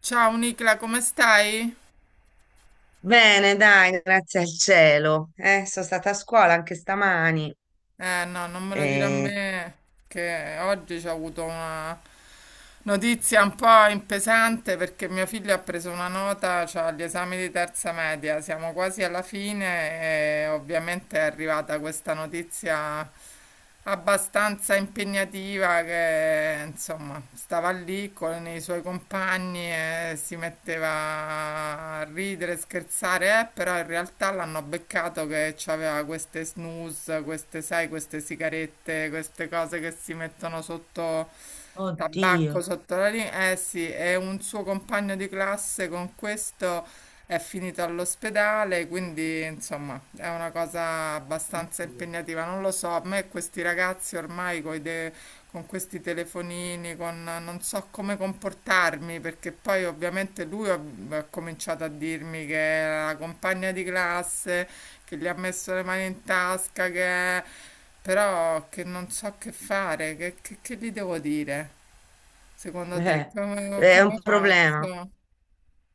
Ciao Nicla, come stai? Bene, dai, grazie al cielo. Sono stata a scuola anche stamani. Eh no, non me lo dire a e me che oggi c'ho avuto una, notizia un po' impesante perché mio figlio ha preso una nota, cioè agli esami di terza media, siamo quasi alla fine e ovviamente è arrivata questa notizia abbastanza impegnativa che insomma stava lì con i suoi compagni e si metteva a ridere, scherzare, però in realtà l'hanno beccato che aveva queste snus, queste, sai, queste sigarette, queste cose che si mettono sotto Oddio. tabacco sotto la linea, eh sì, è un suo compagno di classe con questo è finito all'ospedale, quindi insomma è una cosa abbastanza Dio. impegnativa. Non lo so, a me questi ragazzi ormai con questi telefonini, non so come comportarmi, perché poi ovviamente lui ha cominciato a dirmi che è la compagna di classe, che gli ha messo le mani in tasca, che è... Però che non so che fare, che gli devo dire? Secondo te, Eh, come, è come un problema. faccio?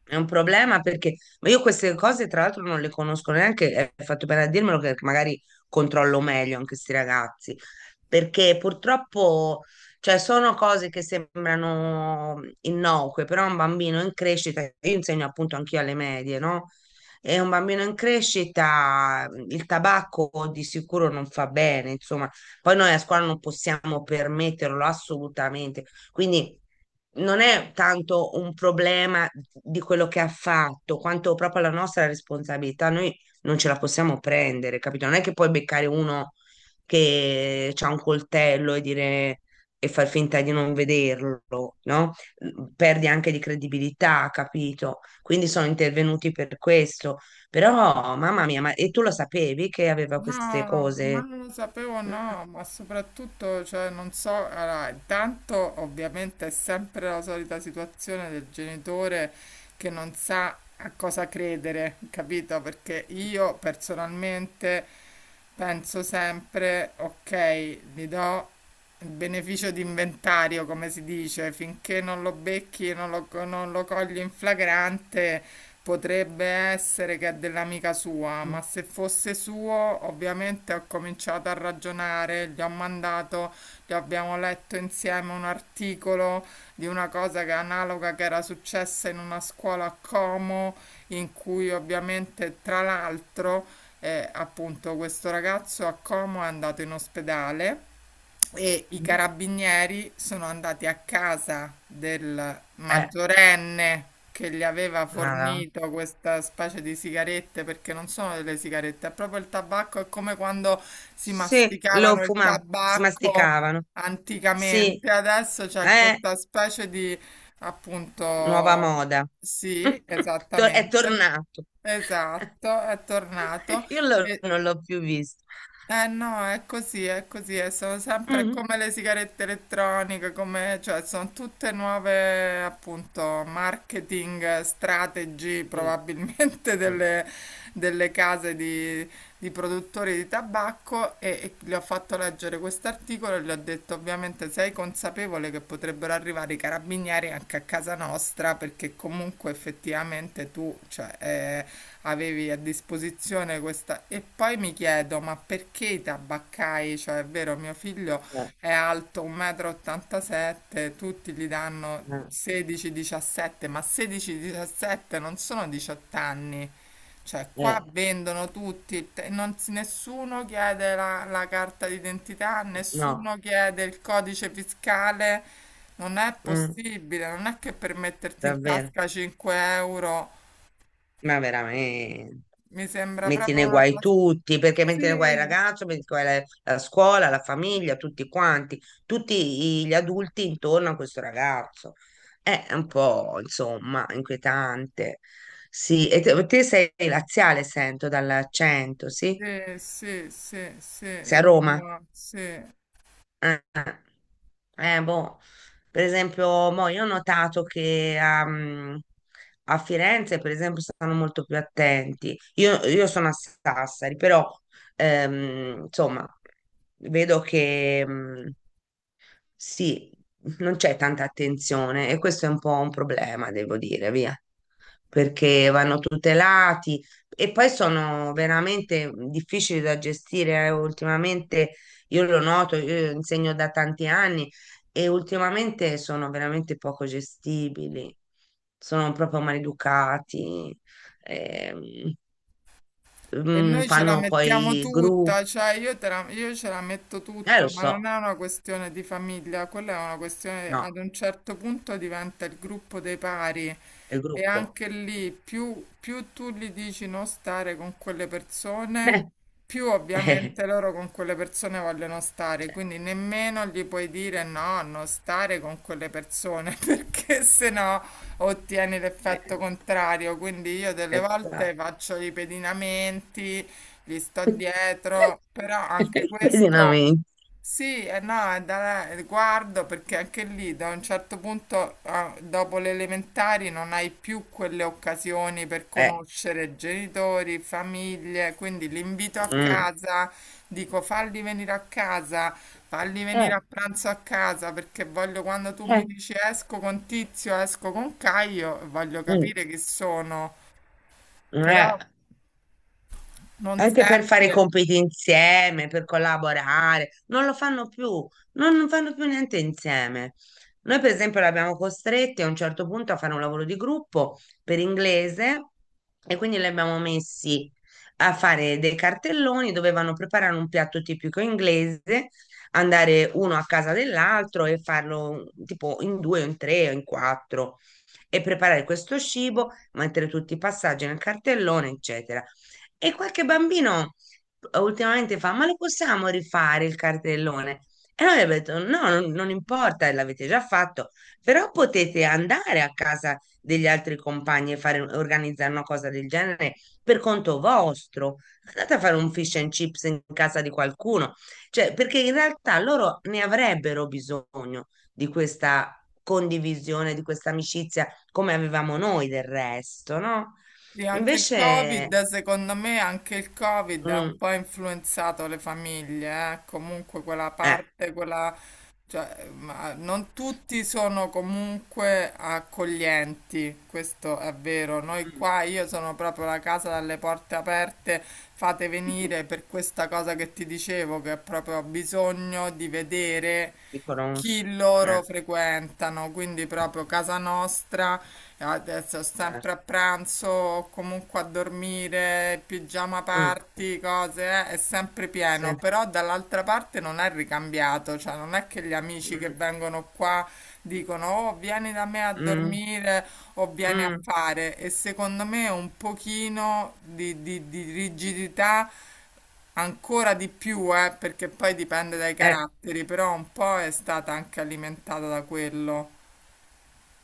È un problema perché ma io queste cose tra l'altro non le conosco neanche, è fatto bene a dirmelo che magari controllo meglio anche questi ragazzi, perché purtroppo cioè, sono cose che sembrano innocue, però un bambino in crescita, io insegno appunto anch'io alle medie, no? E un bambino in crescita il tabacco di sicuro non fa bene, insomma, poi noi a scuola non possiamo permetterlo assolutamente, quindi non è tanto un problema di quello che ha fatto, quanto proprio la nostra responsabilità. Noi non ce la possiamo prendere, capito? Non è che puoi beccare uno che ha un coltello e dire e far finta di non vederlo, no? Perdi anche di credibilità, capito? Quindi sono intervenuti per questo. Però, mamma mia, ma e tu lo sapevi che aveva queste No, ma cose? non lo sapevo, no, ma soprattutto, cioè, non so, allora, intanto ovviamente è sempre la solita situazione del genitore che non sa a cosa credere, capito? Perché io personalmente penso sempre, ok, gli do il beneficio di inventario, come si dice, finché non lo becchi, non lo cogli in flagrante. Potrebbe essere che è dell'amica sua, ma se fosse suo, ovviamente ho cominciato a ragionare, gli ho mandato, gli abbiamo letto insieme un articolo di una cosa che è analoga che era successa in una scuola a Como, in cui ovviamente tra l'altro appunto questo ragazzo a Como è andato in ospedale e i Eh, carabinieri sono andati a casa del maggiorenne che gli aveva ma no. fornito questa specie di sigarette, perché non sono delle sigarette, è proprio il tabacco, è come quando si Sì, lo masticavano il fumavano, si tabacco masticavano. Sì, anticamente. Adesso c'è eh, questa specie di, nuova appunto, moda. sì, È esattamente, tornato. esatto, è tornato. E Non l'ho più visto. eh no, è così, e sono sempre Mm. come le sigarette elettroniche, cioè sono tutte nuove appunto marketing strategy Mm. probabilmente Mm. delle case di produttori di tabacco e gli ho fatto leggere quest'articolo e gli ho detto ovviamente sei consapevole che potrebbero arrivare i carabinieri anche a casa nostra perché comunque effettivamente tu cioè, avevi a disposizione questa... E poi mi chiedo ma perché i tabaccai, cioè è vero mio figlio Eh, è alto 1,87 m, tutti gli danno eh, 16-17, ma 16-17 non sono 18 anni. Cioè, qua eh, vendono tutti, te- non si- nessuno chiede la carta d'identità, no. nessuno chiede il codice fiscale. Non è Mm, possibile, non è che per metterti in Davvero, tasca 5 euro ma veramente. mi sembra Metti proprio nei una guai cosa... tutti, perché Sì, metti nei guai il ragazzo, metti nei guai la, scuola, la famiglia, tutti quanti, tutti gli adulti intorno a questo ragazzo. È un po', insomma, inquietante. Sì, e te sei laziale, sento dall'accento, sì? sì, sì, sì, sì, Sei a Roma? Roma, sì. Ah, ah. Boh, per esempio, mo io ho notato che a Firenze, per esempio, stanno molto più attenti. Io sono a Sassari, però, insomma, vedo che, sì, non c'è tanta attenzione e questo è un po' un problema, devo dire, via, perché vanno tutelati e poi sono veramente difficili da gestire. Eh. Ultimamente io lo noto, io insegno da tanti anni e ultimamente sono veramente poco gestibili, sono proprio maleducati, ehm, E noi ce la fanno mettiamo poi il gruppo, tutta, cioè io, io ce la metto tutta, lo ma non so, è una questione di famiglia, quella è una questione, no, ad un certo punto diventa il gruppo dei pari il e gruppo. anche lì più tu gli dici non stare con quelle persone, più Eh, eh, ovviamente loro con quelle persone vogliono stare, cioè, quindi nemmeno gli puoi dire no, non stare con quelle persone, perché se no. no ottieni Eh, l'effetto contrario. Quindi io delle volte esatto. faccio i pedinamenti, gli sto dietro, però anche questo Pesinamento. sì, e no, guardo perché anche lì da un certo punto, dopo le elementari, non hai più quelle occasioni per Eh, conoscere genitori, famiglie, quindi l'invito a mm, casa, dico falli venire a casa. Falli venire eh, a pranzo a casa perché voglio quando tu mi eh, dici esco con Tizio, esco con Caio, voglio mm, capire chi sono, eh. però non Anche per fare i sempre. compiti insieme, per collaborare, non lo fanno più, non fanno più niente insieme. Noi, per esempio, l'abbiamo costretti a un certo punto a fare un lavoro di gruppo per inglese e quindi li abbiamo messi a fare dei cartelloni, dovevano preparare un piatto tipico inglese, andare uno a casa dell'altro e farlo tipo in due o in tre o in quattro e preparare questo cibo, mettere tutti i passaggi nel cartellone, eccetera. E qualche bambino ultimamente fa, ma lo possiamo rifare il cartellone? E noi abbiamo detto, no, non importa, l'avete già fatto, però potete andare a casa degli altri compagni e fare, organizzare una cosa del genere per conto vostro. Andate a fare un fish and chips in casa di qualcuno, cioè, perché in realtà loro ne avrebbero bisogno di questa condivisione, di questa amicizia, come avevamo noi del resto, no? Sì, anche il Invece. Covid, secondo me, anche il Covid ha un Mm, po' influenzato le famiglie, eh. Comunque quella eh, parte, quella, cioè, ma non tutti sono comunque accoglienti, questo è vero. Noi mm. qua, io sono proprio la casa dalle porte aperte, fate venire per questa cosa che ti dicevo, che è proprio ho bisogno di vedere ti conosco. chi loro Eh, frequentano, quindi proprio casa nostra. Adesso sempre certo. a pranzo, o comunque a dormire, pigiama Mm, party, cose, è sempre sì. pieno, però dall'altra parte non è ricambiato, cioè non è che gli amici che Mm, vengono qua dicono oh vieni da me a mm, dormire o vieni a mm, fare e secondo me un pochino di, di rigidità ancora di più, perché poi dipende dai eh, caratteri, però un po' è stata anche alimentata da quello.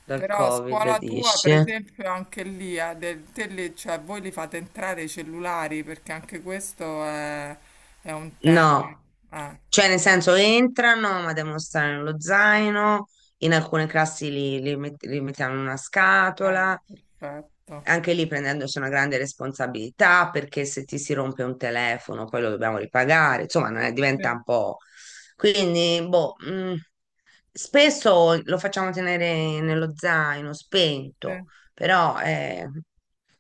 dal Però a Covid scuola tua, dici? per esempio, anche lì, te lì, cioè, voi li fate entrare i cellulari, perché anche questo è un tema. No, Eh, cioè nel senso entrano, ma devono stare nello zaino, in alcune classi li mettiamo in una eh, scatola, perfetto. anche lì prendendosi una grande responsabilità perché se ti si rompe un telefono poi lo dobbiamo ripagare, insomma, ne diventa Sì, un po'. Quindi, boh, spesso lo facciamo tenere nello zaino spento, sì, però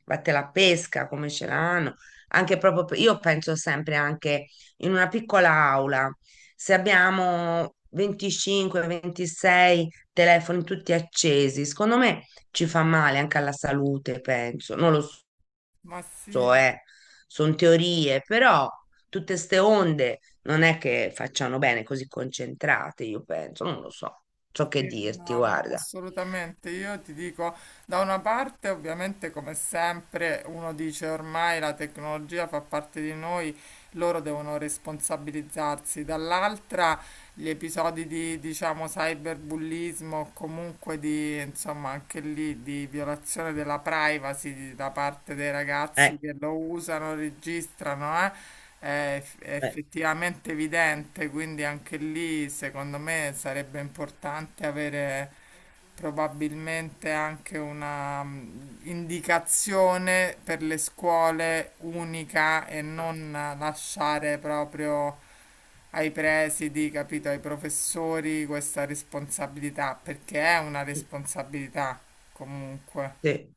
vatte la pesca come ce l'hanno. Anche proprio, io penso sempre anche in una piccola aula, se abbiamo 25, 26 telefoni tutti accesi, secondo me ci fa male anche alla salute, penso. Non lo ma so, sì. eh. Sono teorie, però tutte ste onde non è che facciano bene così concentrate, io penso, non lo so. So che Sì, dirti, no, no, guarda. assolutamente. Io ti dico, da una parte, ovviamente, come sempre, uno dice ormai la tecnologia fa parte di noi, loro devono responsabilizzarsi. Dall'altra, gli episodi di, diciamo, cyberbullismo, o comunque di, insomma, anche lì di violazione della privacy da parte dei ragazzi Eh, che lo usano, registrano, è eh, effettivamente evidente, quindi anche lì secondo me sarebbe importante avere probabilmente anche una indicazione per le scuole unica e non lasciare proprio ai presidi, capito, ai professori questa responsabilità, perché è una responsabilità comunque. sì,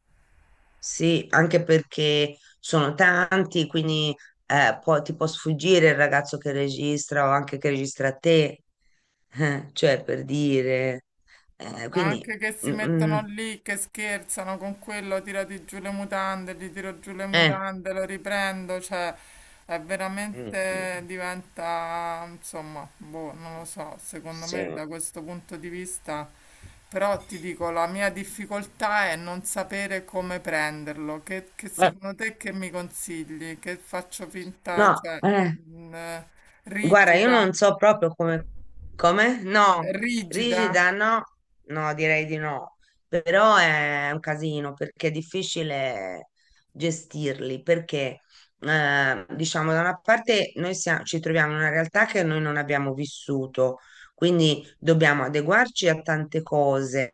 sì, anche perché sono tanti, quindi ti può sfuggire il ragazzo che registra o anche che registra te, cioè per dire. Ma Quindi, anche che si mm, mm, mettono lì, che scherzano con quello, tirati giù le mutande, gli tiro giù le eh, mutande, lo riprendo, cioè è veramente mm. diventa, insomma, boh, non lo so, secondo me Sì. da questo punto di vista, però ti dico, la mia difficoltà è non sapere come prenderlo, che Eh, secondo te che mi consigli? Che faccio finta, no, cioè, mh, eh, Guarda, io rigida, non so proprio come, no, rigida? rigida no, no, direi di no, però è un casino perché è difficile gestirli, perché diciamo da una parte noi ci troviamo in una realtà che noi non abbiamo vissuto, quindi dobbiamo adeguarci a tante cose,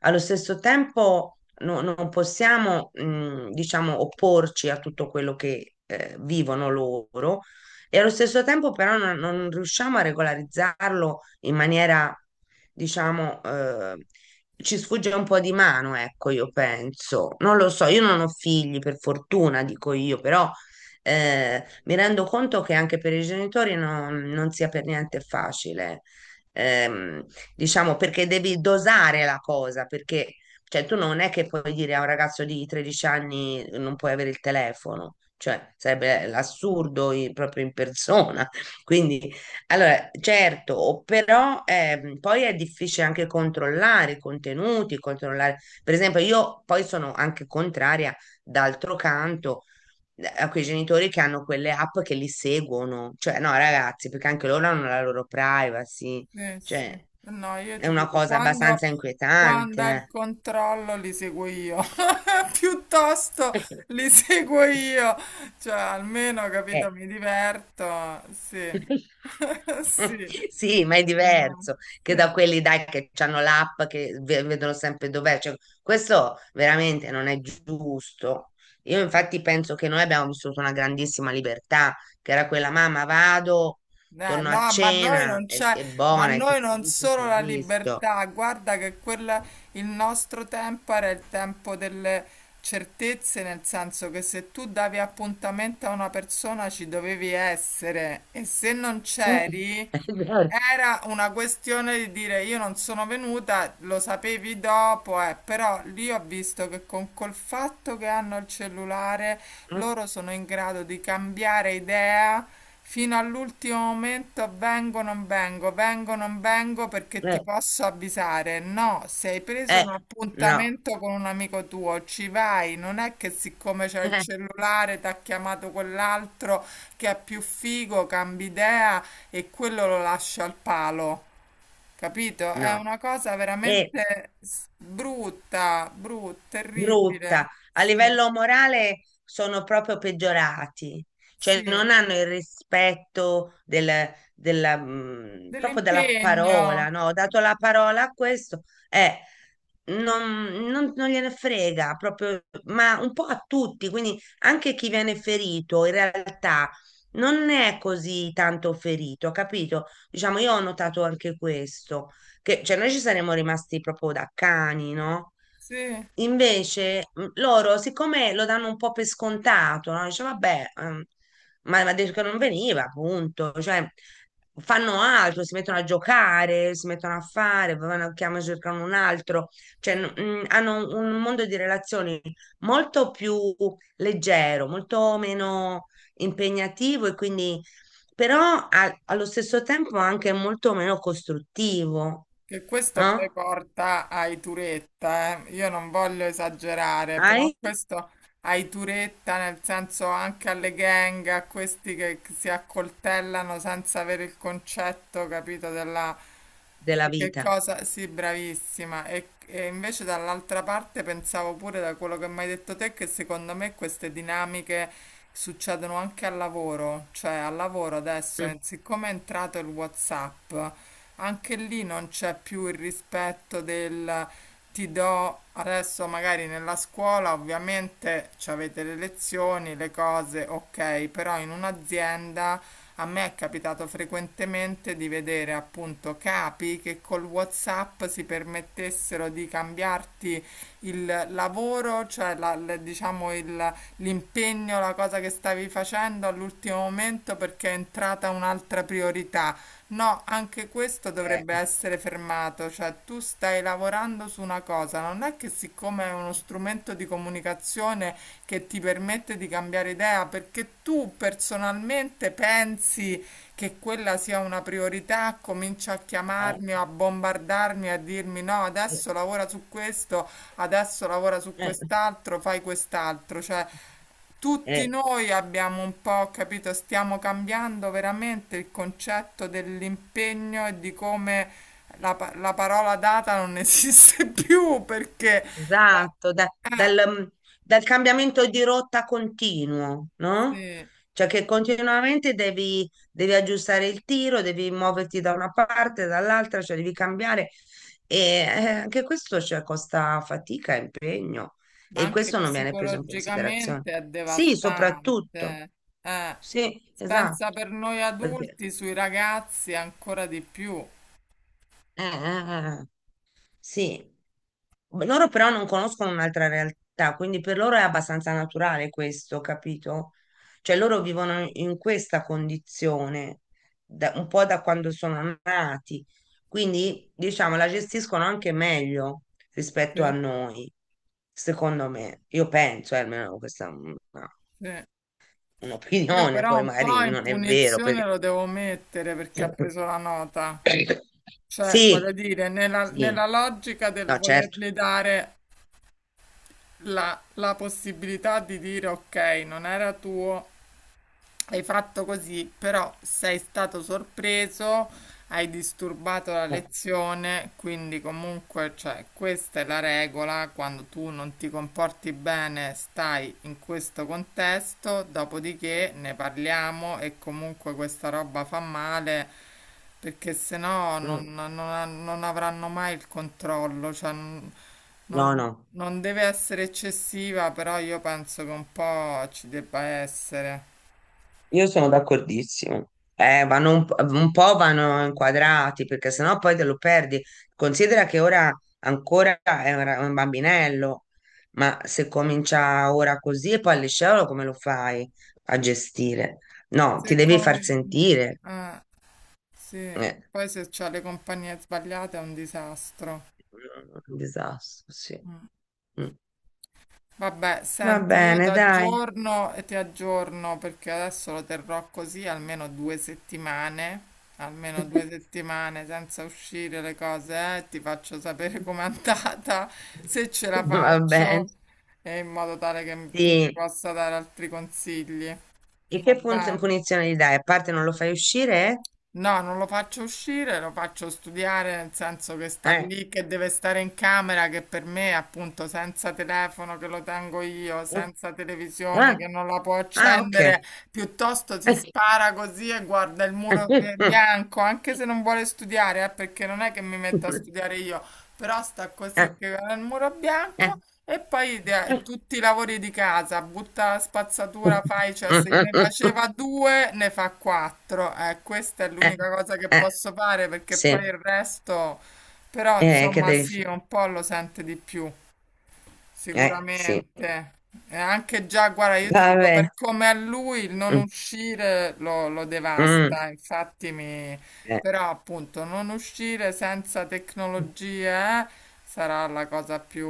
allo stesso tempo non possiamo, diciamo, opporci a tutto quello che vivono loro e allo stesso tempo però non riusciamo a regolarizzarlo in maniera, diciamo, ci sfugge un po' di mano, ecco, io penso. Non lo so, io non ho figli, per fortuna, dico io, però mi rendo conto che anche per i genitori non sia per niente facile. Ehm, diciamo perché devi dosare la cosa, perché cioè, tu non è che puoi dire a un ragazzo di 13 anni non puoi avere il telefono, cioè sarebbe l'assurdo proprio in persona. Quindi, allora, certo, o però poi è difficile anche controllare i contenuti, controllare, per esempio, io poi sono anche contraria, d'altro canto, a quei genitori che hanno quelle app che li seguono, cioè no, ragazzi, perché anche loro hanno la loro privacy, Sì. cioè Eh no, io è ti una dico, cosa quando, abbastanza inquietante. quando è il Eh. controllo li seguo io, piuttosto li Eh, seguo Sì, io, cioè almeno, eh. capito, mi diverto, sì, sì, Sì, ma è no, diverso sì, che da quelli dai che hanno l'app che vedono sempre dov'è. Cioè, questo veramente non è giusto. Io sì. infatti penso che noi abbiamo vissuto una grandissima libertà, che era quella mamma, vado, torno a No, ma noi cena, non è, c'è, è ma buona, e chi noi si è non visto si è solo la visto. libertà, guarda che quella, il nostro tempo era il tempo delle certezze, nel senso che se tu davi appuntamento a una persona ci dovevi essere e se non Eh, c'eri, è vero. era una questione di dire io non sono venuta, lo sapevi dopo, però lì ho visto che con col fatto che hanno il cellulare Eh, loro sono in grado di cambiare idea fino all'ultimo momento, vengo, non vengo perché ti eh, posso avvisare. No, se hai preso eh, un no, appuntamento con un amico tuo, ci vai, non è che siccome c'è il eh, cellulare ti ha chiamato quell'altro che è più figo, cambi idea e quello lo lascia al palo. Capito? È no. una cosa E veramente brutta, brutta, terribile. brutta. A Sì, livello morale sono proprio peggiorati, cioè sì. non hanno il rispetto della, proprio della parola, Dell'impegno. no? Ho dato la parola a questo, eh, non, non gliene frega proprio, ma un po' a tutti, quindi anche chi viene ferito in realtà non è così tanto ferito, capito? Diciamo, io ho notato anche questo, che cioè, noi ci saremmo rimasti proprio da cani, no? Sì, Invece loro, siccome lo danno un po' per scontato, no? Dice, vabbè, ma ha detto che non veniva, appunto. Cioè, fanno altro, si mettono a giocare, si mettono a fare, poi vanno a chiamare, cercano un altro. Cioè, sì. Hanno un mondo di relazioni molto più leggero, molto meno impegnativo e quindi, però allo stesso tempo anche molto meno costruttivo, Che questo poi no? porta ai Turetta, eh. Io non voglio esagerare, però Hai questo ai Turetta, nel senso anche alle gang, a questi che si accoltellano senza avere il concetto, capito, della. della Di che vita. cosa? Sì, bravissima. E invece dall'altra parte pensavo pure da quello che mi hai detto te che secondo me queste dinamiche succedono anche al lavoro, cioè al lavoro adesso, Mm. Siccome è entrato il WhatsApp, anche lì non c'è più il rispetto del ti do adesso magari nella scuola, ovviamente ci avete le lezioni, le cose, ok, però in un'azienda a me è capitato frequentemente di vedere appunto capi che col WhatsApp si permettessero di cambiarti il lavoro, cioè diciamo l'impegno, la cosa che stavi facendo all'ultimo momento perché è entrata un'altra priorità. No, anche questo dovrebbe essere fermato, cioè tu stai lavorando su una cosa, non è che siccome è uno strumento di comunicazione che ti permette di cambiare idea, perché tu personalmente pensi che quella sia una priorità, comincia a Eh, chiamarmi, a bombardarmi, a dirmi no, eh, adesso lavora su questo, adesso lavora su eh, quest'altro, fai quest'altro. Cioè, tutti eh, noi abbiamo un po', capito, stiamo cambiando veramente il concetto dell'impegno e di come la, la parola data non esiste più perché... la- esatto, da- dal, eh, mm, dal cambiamento di rotta continuo, no? sì. Cioè che continuamente devi aggiustare il tiro, devi muoverti da una parte, dall'altra, cioè devi cambiare. E anche questo, cioè, costa fatica, e impegno Ma e anche questo non viene preso in considerazione. psicologicamente è Sì, soprattutto. devastante. Eh, Sì, esatto. pensa per noi Perché, adulti, sui ragazzi ancora di più. Eh. Sì, loro però non conoscono un'altra realtà, quindi per loro è abbastanza naturale questo, capito? Cioè loro vivono in questa condizione un po' da quando sono nati, quindi diciamo la gestiscono anche meglio Sì, rispetto a noi, secondo me. Io penso, almeno questa è sì. Io un'opinione, però poi un magari po' in non è vero, punizione perché... lo devo mettere perché ha preso la nota. Cioè, voglio Sì, dire, nella, sì, nella logica del no, certo. volergli dare la possibilità di dire ok, non era tuo, hai fatto così, però sei stato sorpreso, hai disturbato la Eh, lezione, quindi comunque, cioè, questa è la regola, quando tu non ti comporti bene, stai in questo contesto, dopodiché ne parliamo e comunque questa roba fa male, perché sennò mm, non avranno mai il controllo, cioè, non, No, non no. non deve essere eccessiva, però io penso che un po' ci debba essere. Io sono d'accordissimo. Vanno un po' vanno inquadrati perché sennò poi te lo perdi. Considera che ora ancora è un bambinello, ma se comincia ora così e poi al liceo come lo fai a gestire? No, ti Se devi far come... sentire. Eh, sì, Eh, poi se c'ha le compagnie sbagliate è un disastro. un disastro, sì. Mm. Mm. Vabbè, Va senti, io ti bene, dai. aggiorno e ti aggiorno perché adesso lo terrò così almeno 2 settimane, almeno due settimane senza uscire le cose, ti faccio sapere com'è andata, se ce la Va bene. faccio, e in modo tale che tu mi Sì. possa dare altri consigli. E Va che bene? punizione gli dai? A parte non lo fai uscire? No, non lo faccio uscire, lo faccio studiare, nel senso che sta Eh. lì, che deve stare in camera, che per me, appunto, senza telefono che lo tengo io, Eh. senza televisione Ah, che non la può ah, ok. accendere, piuttosto si spara così e guarda il eh, muro eh, bianco, anche se non vuole studiare, perché non è che mi metto a studiare io, però sta così eh, che guarda il muro eh, bianco e poi tutti i lavori di casa, butta la spazzatura, fai, cioè se ne faceva due, ne fa quattro. Questa è eh, l'unica cosa che eh, posso fare perché sì, poi il resto, però che insomma devi sì, fare? un po' lo sente di più, Sì. sicuramente. E anche già, guarda, io ti dico, Vabbè. per come a lui il non Mm, uscire lo mm, devasta, infatti mi... eh, Però appunto non uscire senza tecnologie eh, sarà la cosa più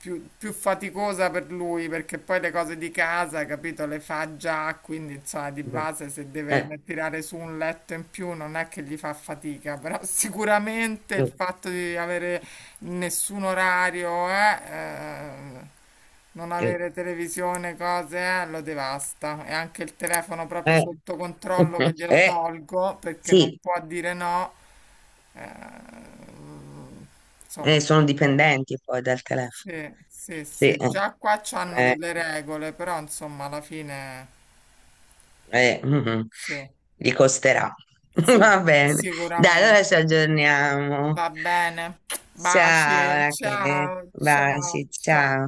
più faticosa per lui perché poi le cose di casa, capito, le fa già, quindi insomma di mm, base se deve eh, tirare su un letto in più non è che gli fa fatica, però sicuramente il fatto di avere nessun orario, non eh, avere televisione, cose, lo devasta e anche il telefono proprio eh, eh, sotto controllo che glielo eh, tolgo perché non sì, può dire no, eh, insomma. eh, sono dipendenti poi dal telefono. Sì, sì, Sì, sì, eh, già qua c'hanno eh. delle regole, però insomma alla fine Eh, mm, sì, gli costerà. sì, Va bene. Dai, allora ci sicuramente. aggiorniamo. Va bene. Ciao, Baci, Rachele. ciao, ciao, Baci, ciao. ciao.